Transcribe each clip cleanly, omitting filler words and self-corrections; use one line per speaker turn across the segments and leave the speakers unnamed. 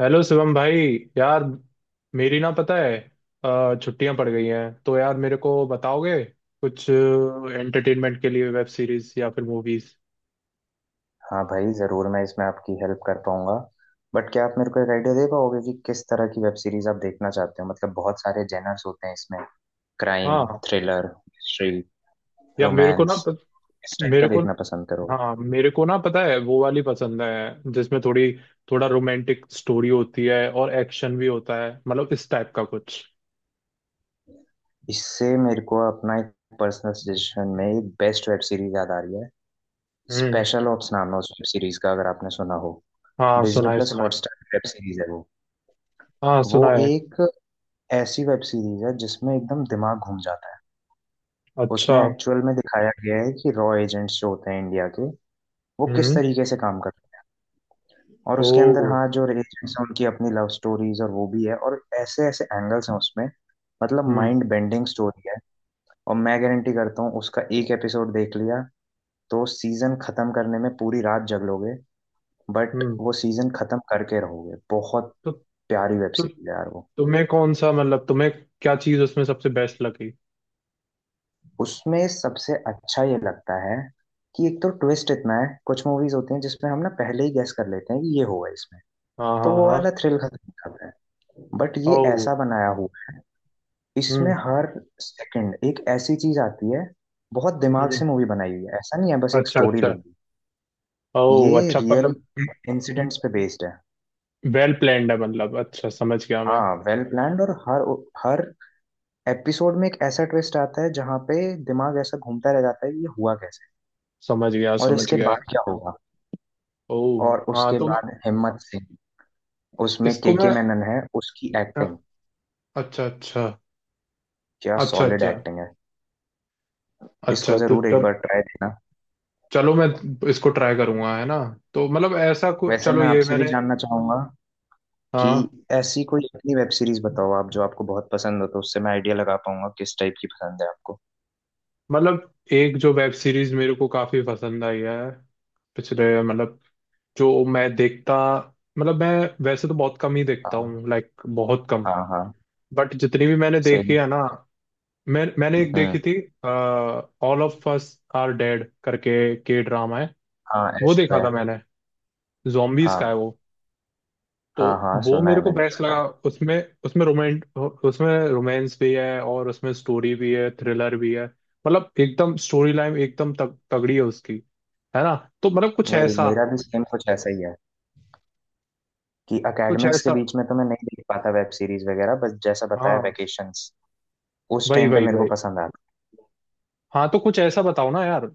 Hello Shivam भाई। यार मेरी ना पता है, छुट्टियां पड़ गई हैं तो यार मेरे को बताओगे कुछ एंटरटेनमेंट के लिए वेब सीरीज या फिर मूवीज।
हाँ भाई ज़रूर, मैं इसमें आपकी हेल्प कर पाऊंगा। बट क्या आप मेरे को एक आइडिया दे पाओगे कि किस तरह की वेब सीरीज आप देखना चाहते हो? मतलब बहुत सारे जेनर्स होते हैं इसमें। क्राइम,
हाँ।
थ्रिलर, मिस्ट्री,
या
रोमांस, इस टाइप का
मेरे को।
देखना पसंद करोगे?
हाँ मेरे को ना पता है, वो वाली पसंद है जिसमें थोड़ी थोड़ा रोमांटिक स्टोरी होती है और एक्शन भी होता है, मतलब इस टाइप का कुछ।
इससे मेरे को अपना एक पर्सनल सजेशन में एक बेस्ट वेब सीरीज याद आ रही है।
हम्म।
स्पेशल ऑप्स नाम है उस वेब सीरीज का, अगर आपने सुना हो।
हाँ
डिज्नी
सुनाए
प्लस
सुनाए।
हॉटस्टार वेब सीरीज है वो।
हाँ
वो
सुनाए।
एक ऐसी वेब सीरीज है जिसमें एकदम दिमाग घूम जाता है।
अच्छा।
उसमें एक्चुअल में दिखाया गया है कि रॉ एजेंट्स जो होते हैं इंडिया के, वो किस
हम्म।
तरीके से काम करते हैं। और
ओ।
उसके अंदर हाँ, जो एजेंट्स हैं उनकी अपनी लव स्टोरीज और वो भी है, और ऐसे ऐसे एंगल्स हैं उसमें। मतलब
हम्म।
माइंड बेंडिंग स्टोरी है। और मैं गारंटी करता हूँ, उसका एक एपिसोड देख लिया तो सीजन खत्म करने में पूरी रात जग, बट
हम्म।
वो सीजन खत्म करके रहोगे। बहुत
तो,
प्यारी वेब
तो
सीरीज है यार वो।
तुम्हें कौन सा, मतलब तुम्हें क्या चीज उसमें सबसे बेस्ट लगी?
उसमें सबसे अच्छा ये लगता है कि एक तो ट्विस्ट इतना है, कुछ मूवीज होती हैं जिसमें हम ना पहले ही गैस कर लेते हैं कि ये होगा इसमें,
हाँ
तो
हाँ
वो
हाँ।
वाला थ्रिल खत्म हो जाता है। बट
ओ।
ये ऐसा बनाया हुआ है, इसमें
हम्म।
हर सेकंड एक ऐसी चीज आती है। बहुत दिमाग
हम्म।
से मूवी बनाई हुई है, ऐसा नहीं है बस एक
अच्छा
स्टोरी
अच्छा।
लिख दी।
ओ
ये
अच्छा
रियल
मतलब।
इंसिडेंट्स पे बेस्ड है।
वेल प्लान्ड है, मतलब अच्छा, समझ गया मैं।
हाँ वेल प्लान्ड, और हर हर एपिसोड में एक ऐसा ट्विस्ट आता है जहाँ पे दिमाग ऐसा घूमता रह जाता है कि ये हुआ कैसे,
समझ गया
और
समझ
इसके
गया।
बाद क्या होगा।
ओ
और
हाँ।
उसके बाद हिम्मत सिंह, उसमें
इसको
के
मैं
मैनन है, उसकी
अ,
एक्टिंग,
अच्छा अच्छा।
क्या
अच्छा
सॉलिड
अच्छा।
एक्टिंग है। इसको
अच्छा तो
जरूर एक
चल।
बार ट्राई देना।
चलो मैं इसको ट्राई करूंगा, है ना। तो मतलब ऐसा को,
वैसे
चलो
मैं
ये
आपसे भी
मैंने।
जानना चाहूंगा कि
हाँ
ऐसी कोई अपनी वेब सीरीज बताओ आप, जो आपको बहुत पसंद हो, तो उससे मैं आइडिया लगा पाऊंगा किस टाइप की पसंद है आपको।
मतलब, एक जो वेब सीरीज मेरे को काफी पसंद आई है पिछले, मतलब जो मैं देखता, मतलब मैं वैसे तो बहुत कम ही देखता
हाँ
हूँ, लाइक बहुत कम।
हाँ हाँ।
बट जितनी भी मैंने देखी
सेम।
है ना, मैंने एक
हम्म।
देखी थी। All of Us Are Dead करके के ड्रामा है।
हाँ
वो
ऐसे
देखा
है।
था मैंने। जॉम्बीज का है
हाँ
वो। तो
हाँ हाँ,
वो
सुना
मेरे
है
को
मैंने
बेस्ट
पहला।
लगा। उसमें उसमें रोमेंट उसमें रोमांस भी है और उसमें स्टोरी भी है, थ्रिलर भी है, मतलब एकदम स्टोरी लाइन एकदम तगड़ी है उसकी। है ना। तो मतलब कुछ
वही,
ऐसा,
मेरा भी सेम कुछ ऐसा ही है कि
कुछ
एकेडमिक्स के
ऐसा।
बीच में तो मैं नहीं देख पाता वेब सीरीज वगैरह, बस जैसा बताया
हाँ
वेकेशंस उस
वही
टाइम पे
वही
मेरे को
वही।
पसंद आता।
हाँ तो कुछ ऐसा बताओ ना यार,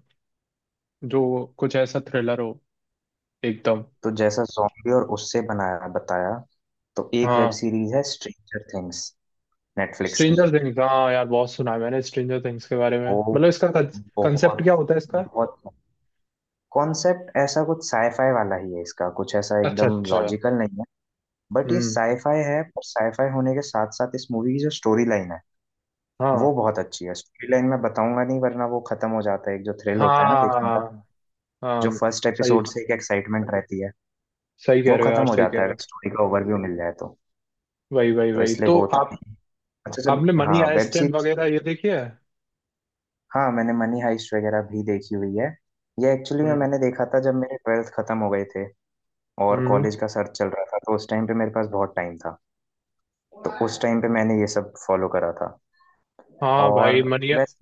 जो कुछ ऐसा थ्रिलर हो, एकदम।
तो जैसा जॉम्बी और उससे बनाया बताया, तो एक वेब
हाँ
सीरीज है स्ट्रेंजर थिंग्स, नेटफ्लिक्स की।
Stranger Things. हाँ यार, बहुत सुना है मैंने स्ट्रेंजर थिंग्स के बारे में,
वो
मतलब इसका कंसेप्ट
बहुत
क्या होता है इसका?
बहुत कॉन्सेप्ट ऐसा कुछ साईफाई वाला ही है इसका, कुछ ऐसा
अच्छा
एकदम
अच्छा।
लॉजिकल नहीं है। बट ये
हम्म।
साईफाई है, पर साईफाई होने के साथ साथ इस मूवी की जो स्टोरी लाइन है
हाँ
वो बहुत अच्छी है। स्टोरी लाइन मैं बताऊंगा नहीं, वरना वो खत्म हो जाता है, एक जो थ्रिल होता है ना देखने का,
हाँ
जो
हाँ।
फर्स्ट
सही,
एपिसोड से एक एक्साइटमेंट रहती है,
सही कह
वो
रहे हो
खत्म
यार,
हो
सही कह
जाता है
रहे हो।
अगर स्टोरी का ओवरव्यू मिल जाए तो।
वही वही
तो
वही,
इसलिए
तो
वो था।
आप
अच्छा, जब
आपने मनी
हाँ वेब
आइसलैंड
सीरीज,
वगैरह ये देखी है?
हाँ मैंने मनी हाइस्ट वगैरह भी देखी हुई है। ये एक्चुअली में
हम्म।
मैंने देखा था जब मेरे ट्वेल्थ खत्म हो गए थे और
हम्म।
कॉलेज का सर्च चल रहा था, तो उस टाइम पे मेरे पास बहुत टाइम था, तो उस टाइम पे मैंने ये सब फॉलो करा था।
हाँ
और
भाई मनी।
वैसे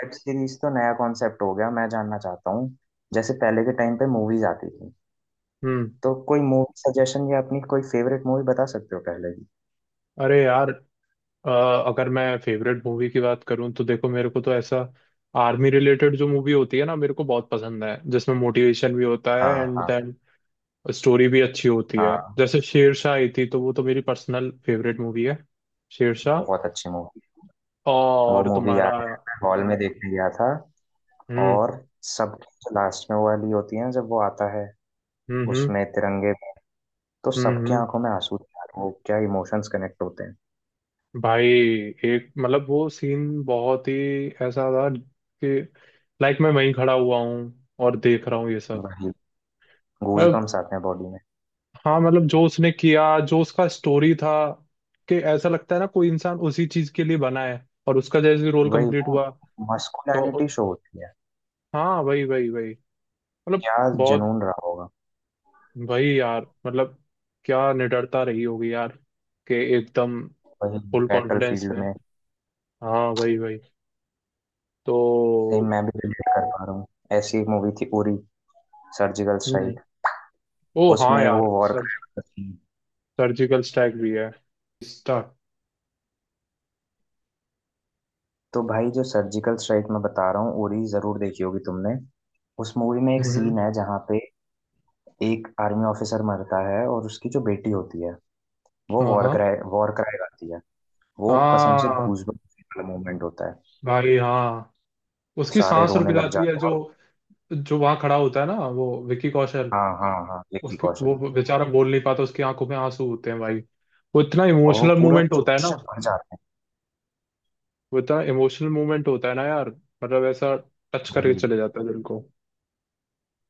वेब सीरीज तो नया कॉन्सेप्ट हो गया, मैं जानना चाहता हूँ, जैसे पहले के टाइम पे मूवीज आती थी,
हम्म।
तो कोई मूवी सजेशन या अपनी कोई फेवरेट मूवी बता सकते हो पहले की?
अरे यार, अ, अगर मैं फेवरेट मूवी की बात करूं तो देखो, मेरे को तो ऐसा आर्मी रिलेटेड जो मूवी होती है ना, मेरे को बहुत पसंद है, जिसमें मोटिवेशन भी होता है
हाँ
एंड
हाँ
देन स्टोरी भी अच्छी होती है।
हाँ,
जैसे शेरशाह आई थी, तो वो तो मेरी पर्सनल फेवरेट मूवी है, शेरशाह।
बहुत अच्छी मूवी। वो
और
मूवी
तुम्हारा?
याद है, मैं हॉल में देखने गया था।
हम्म।
और सबके जो लास्ट में वो वाली होती है ना, जब वो आता है
हम्म। हम्म।
उसमें तिरंगे में, तो
हम्म।
सबके
हम्म।
आंखों में आंसू थे यार, वो क्या इमोशंस कनेक्ट होते हैं।
भाई एक मतलब, वो सीन बहुत ही ऐसा था कि, लाइक, मैं वहीं खड़ा हुआ हूँ और देख रहा हूँ ये
वही,
सब।
गूजबम्स आते हैं बॉडी में।
हाँ मतलब, जो उसने किया, जो उसका स्टोरी था, कि ऐसा लगता है ना, कोई इंसान उसी चीज के लिए बना है और उसका जैसे रोल
वही
कंप्लीट
ना,
हुआ। तो
मस्कुलिनिटी शो होती है।
हाँ वही वही वही, मतलब
क्या
बहुत।
जुनून रहा होगा।
वही यार मतलब, क्या निडरता रही होगी यार, कि एकदम
वही,
फुल
बैटल
कॉन्फिडेंस
फील्ड
में।
में।
हाँ वही वही। तो
सेम मैं भी रिलेट कर पा रहा हूँ। ऐसी एक मूवी थी, उरी सर्जिकल
हम्म।
स्ट्राइक।
ओ हाँ
उसमें वो
यार,
war
sir
crime,
surgical strike भी है। स्टार।
तो भाई जो सर्जिकल स्ट्राइक मैं बता रहा हूँ, उरी जरूर देखी होगी तुमने। उस मूवी में एक
हम्म।
सीन है जहाँ पे एक आर्मी ऑफिसर मरता है, और उसकी जो बेटी होती है वो
हाँ हाँ
वॉर क्राई गाती है। वो कसम से
हाँ।
गूजबम्स वाला मोमेंट होता है।
भाई हाँ। उसकी
सारे
सांस रुक
रोने लग
जाती है,
जाते
जो,
हैं।
जो वहां खड़ा होता है ना, वो विकी कौशल।
हाँ हाँ हाँ, विक्की
उसके वो
कौशल।
बेचारा बोल नहीं पाता, उसकी आंखों में आंसू होते हैं भाई। वो इतना
और वो
इमोशनल
पूरा
मूवमेंट होता है ना।
जोश से भर जाते हैं।
वो इतना इमोशनल मूवमेंट होता है ना यार, मतलब ऐसा टच करके
वही,
चले जाता है दिल को।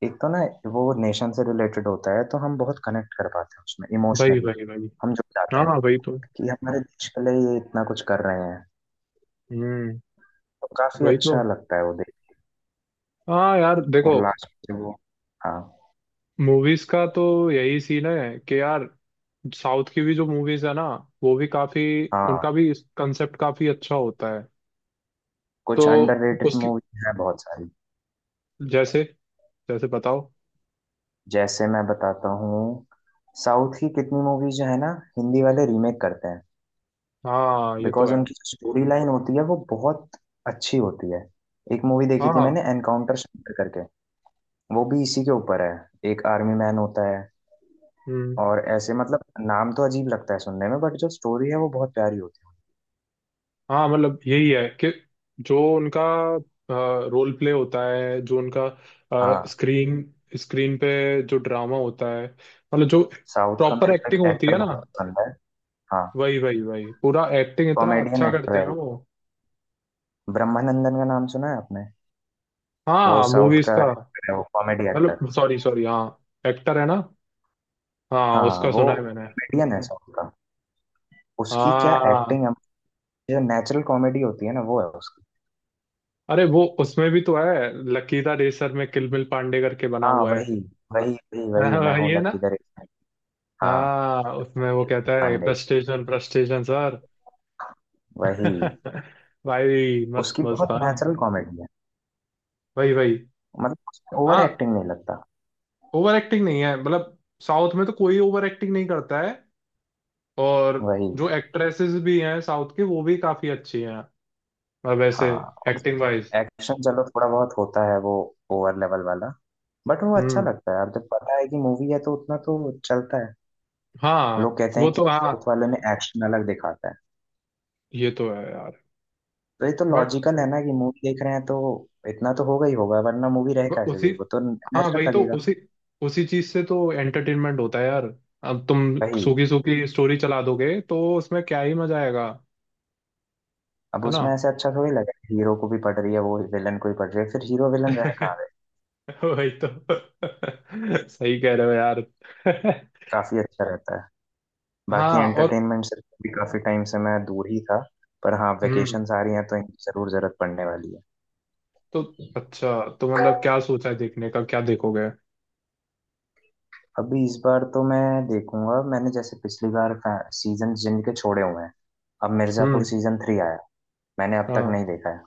एक तो ना वो नेशन से रिलेटेड होता है, तो हम बहुत कनेक्ट कर पाते हैं उसमें
भाई
इमोशनली।
भाई भाई।
हम जुड़ जाते
हाँ
हैं
हाँ, वही तो।
कि हमारे देश के लिए ये इतना कुछ कर रहे हैं,
हम्म।
तो काफी
वही तो,
अच्छा लगता है वो देख।
हाँ यार देखो,
और लास्ट में वो, हाँ।
मूवीज का तो यही सीन है कि यार, साउथ की भी जो मूवीज है ना, वो भी काफी। उनका
हाँ,
भी कंसेप्ट काफी अच्छा होता है। तो
कुछ अंडररेटेड
उसकी,
मूवी है बहुत सारी।
जैसे जैसे बताओ।
जैसे मैं बताता हूँ, साउथ की कितनी मूवीज जो है ना हिंदी वाले रीमेक करते हैं,
हाँ ये तो
बिकॉज
है।
उनकी स्टोरी लाइन होती है वो बहुत अच्छी होती है। एक मूवी देखी थी
हाँ।
मैंने, एनकाउंटर सेंटर करके, वो भी इसी के ऊपर है। एक आर्मी मैन होता है,
हम्म।
और ऐसे मतलब नाम तो अजीब लगता है सुनने में, बट जो स्टोरी है वो बहुत प्यारी होती है।
हाँ मतलब, यही है कि जो उनका रोल प्ले होता है, जो उनका
हाँ,
स्क्रीन स्क्रीन पे जो ड्रामा होता है, मतलब जो
साउथ का
प्रॉपर
मेरे को एक
एक्टिंग होती
एक्टर
है ना।
बहुत पसंद है। हाँ,
वही वही वही, पूरा एक्टिंग इतना
कॉमेडियन
अच्छा
एक्टर
करते हैं ना
है,
वो।
ब्रह्मानंदन का नाम सुना है आपने? वो
हाँ
साउथ
मूवीज
का
का।
एक्टर है, वो कॉमेडी एक्टर।
मतलब सॉरी सॉरी, हाँ एक्टर है ना। हाँ
हाँ
उसका
वो
सुना है मैंने।
कॉमेडियन है साउथ का, उसकी क्या
हाँ।
एक्टिंग है। जो नेचुरल कॉमेडी होती है ना वो है उसकी।
अरे वो, उसमें भी तो है, लकीदा रेसर में किलमिल पांडे करके बना
हाँ
हुआ है।
वही वही वही,
हाँ,
वही मैं
वही
हूँ
है ना।
लक्की द रेसर। हाँ
हाँ उसमें वो कहता है
पांडे,
प्रस्टेशन प्रस्टेशन सर।
वही।
भाई मस्त
उसकी
मस्त
बहुत
था।
नेचुरल कॉमेडी है,
वही वही।
मतलब उसमें ओवर
हाँ।
एक्टिंग नहीं लगता।
ओवर एक्टिंग नहीं है, मतलब साउथ में तो कोई ओवर एक्टिंग नहीं करता है। और
वही।
जो एक्ट्रेसेस भी हैं साउथ की वो भी काफी अच्छी हैं, मतलब वैसे
हाँ, और
एक्टिंग वाइज।
एक्शन चलो थोड़ा बहुत होता है वो, ओवर लेवल वाला, बट वो अच्छा
हम्म।
लगता है। अब जब पता है कि मूवी है तो उतना तो चलता है।
हाँ
लोग कहते
वो
हैं कि
तो। हाँ
साउथ वालों ने एक्शन अलग दिखाता है,
ये तो है यार।
तो ये तो
बट
लॉजिकल है ना कि मूवी देख रहे हैं तो इतना तो होगा ही होगा, वरना मूवी रह कैसे
उसी,
गई, वो तो
हाँ वही
नेचुरल
तो,
लगेगा।
उसी उसी चीज से तो एंटरटेनमेंट होता है यार। अब तुम
वही,
सूखी सूखी स्टोरी चला दोगे तो उसमें क्या ही मजा आएगा।
अब
है ना।
उसमें ऐसे अच्छा थोड़ी लगा, हीरो को भी पड़ रही है, वो विलन को भी पड़ रही है, फिर हीरो विलन रहे कहाँ गए।
वही तो। सही कह रहे हो यार।
काफी अच्छा रहता है। बाकी
हाँ और।
एंटरटेनमेंट से भी काफी टाइम से मैं दूर ही था, पर हाँ
हम्म।
वेकेशंस आ रही हैं तो इनकी जरूर जरूरत पड़ने वाली है।
तो अच्छा, तो मतलब क्या सोचा है देखने का, क्या देखोगे?
अभी इस बार तो मैं देखूंगा, मैंने जैसे पिछली बार सीजन जिनके छोड़े हुए हैं, अब
हम्म।
मिर्जापुर सीजन 3 आया, मैंने अब तक
हाँ
नहीं देखा है,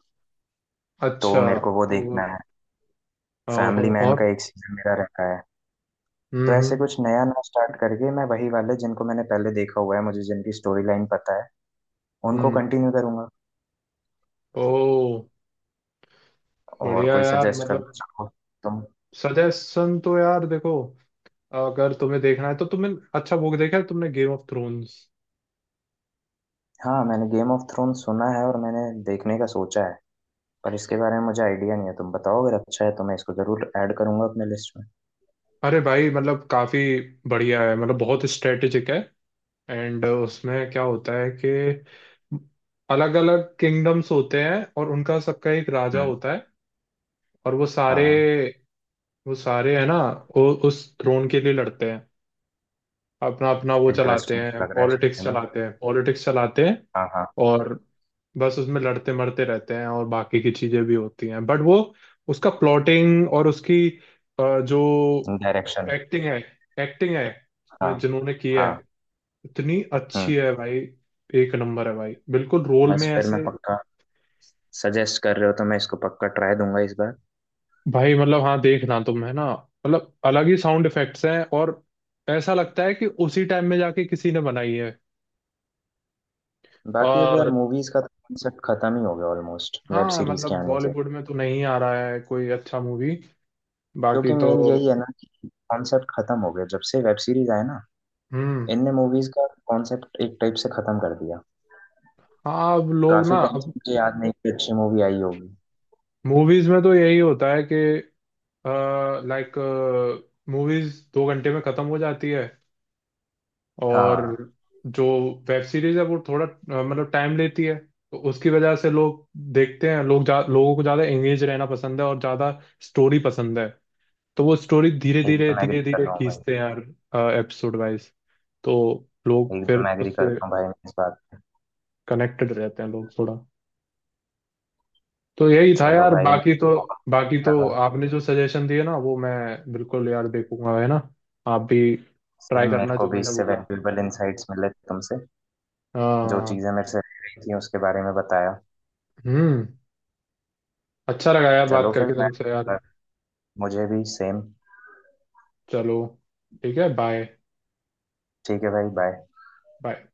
तो
अच्छा,
मेरे को वो
तो
देखना है।
ओहो,
फैमिली मैन
और।
का एक सीजन मेरा रखा है।
हम्म।
तो ऐसे
हम्म।
कुछ नया ना स्टार्ट करके मैं वही वाले जिनको मैंने पहले देखा हुआ है, मुझे जिनकी स्टोरी लाइन पता है, उनको
हम्म।
कंटिन्यू करूंगा।
ओ
और
बढ़िया
कोई
यार
सजेस्ट करना
मतलब।
चाहो तुम?
सजेशन तो यार देखो, अगर तुम्हें देखना है तो तुमने, अच्छा वो देखा है तुमने गेम ऑफ थ्रोन्स?
हाँ, मैंने गेम ऑफ थ्रोन सुना है और मैंने देखने का सोचा है, पर इसके बारे में मुझे आइडिया नहीं है, तुम बताओ अगर अच्छा है तो मैं इसको जरूर ऐड करूंगा अपने लिस्ट में।
अरे भाई मतलब काफी बढ़िया है, मतलब बहुत स्ट्रेटेजिक है। एंड उसमें क्या होता है कि अलग अलग किंगडम्स होते हैं और उनका सबका एक राजा
हम्म।
होता है। और
हाँ,
वो सारे है ना, वो उस थ्रोन के लिए लड़ते हैं। अपना अपना वो चलाते
इंटरेस्टिंग
हैं,
लग रहा है
पॉलिटिक्स
सुनने में।
चलाते हैं, पॉलिटिक्स चलाते हैं।
हाँ हाँ।
और बस उसमें लड़ते मरते रहते हैं और बाकी की चीजें भी होती हैं, बट वो उसका प्लॉटिंग और उसकी जो
डायरेक्शन।
एक्टिंग है, एक्टिंग है,
हाँ
उसमें जिन्होंने किया
हाँ।
है, इतनी अच्छी
हम्म।
है भाई। एक नंबर है भाई, बिल्कुल रोल में
बस फिर मैं
ऐसे।
पक्का, सजेस्ट कर रहे हो तो मैं इसको पक्का ट्राई दूंगा इस बार।
भाई मतलब हाँ, देखना तुम है ना, मतलब अलग ही साउंड इफेक्ट्स हैं और ऐसा लगता है कि उसी टाइम में जाके किसी ने बनाई है।
बाकी अब यार
और
मूवीज का कॉन्सेप्ट खत्म ही हो गया ऑलमोस्ट वेब
हाँ
सीरीज के
मतलब,
आने से,
बॉलीवुड में तो नहीं आ रहा है कोई अच्छा मूवी,
क्योंकि
बाकी तो।
मेन यही है ना कि कॉन्सेप्ट खत्म हो गया जब से वेब सीरीज आए ना।
हम्म।
इनने मूवीज का कॉन्सेप्ट एक टाइप से खत्म कर दिया।
हाँ अब लोग
काफी
ना,
टाइम से
अब
मुझे याद नहीं कि अच्छी मूवी आई होगी।
मूवीज में तो यही होता है कि, लाइक, मूवीज 2 घंटे में खत्म हो जाती है। और
हाँ
जो वेब सीरीज है वो थोड़ा मतलब टाइम लेती है। तो उसकी वजह से लोग देखते हैं, लोगों को ज्यादा एंगेज रहना पसंद है और ज्यादा स्टोरी पसंद है। तो वो स्टोरी धीरे धीरे
एकदम एग्री
धीरे
कर
धीरे
रहा हूँ भाई।
खींचते हैं यार, एपिसोड वाइज। तो लोग
एकदम
फिर
एग्री
उससे
करता हूँ भाई मैं इस बात पे।
कनेक्टेड रहते हैं लोग थोड़ा। तो यही था
चलो
यार,
भाई, मेरे
बाकी तो।
को बहुत
बाकी
अच्छा
तो
लगा।
आपने जो सजेशन दिए ना, वो मैं बिल्कुल यार देखूंगा, है ना। आप भी ट्राई
सेम, मेरे
करना
को
जो
भी
मैंने
इससे
बोला।
वैल्यूएबल इंसाइट्स मिले तुमसे, जो
हाँ।
चीज़ें मेरे से रह रही थी उसके बारे में बताया।
हम्म। अच्छा लगा यार बात
चलो फिर
करके
मैं,
तुमसे यार।
मुझे भी सेम।
चलो ठीक है, बाय।
ठीक है भाई, बाय।
बाय।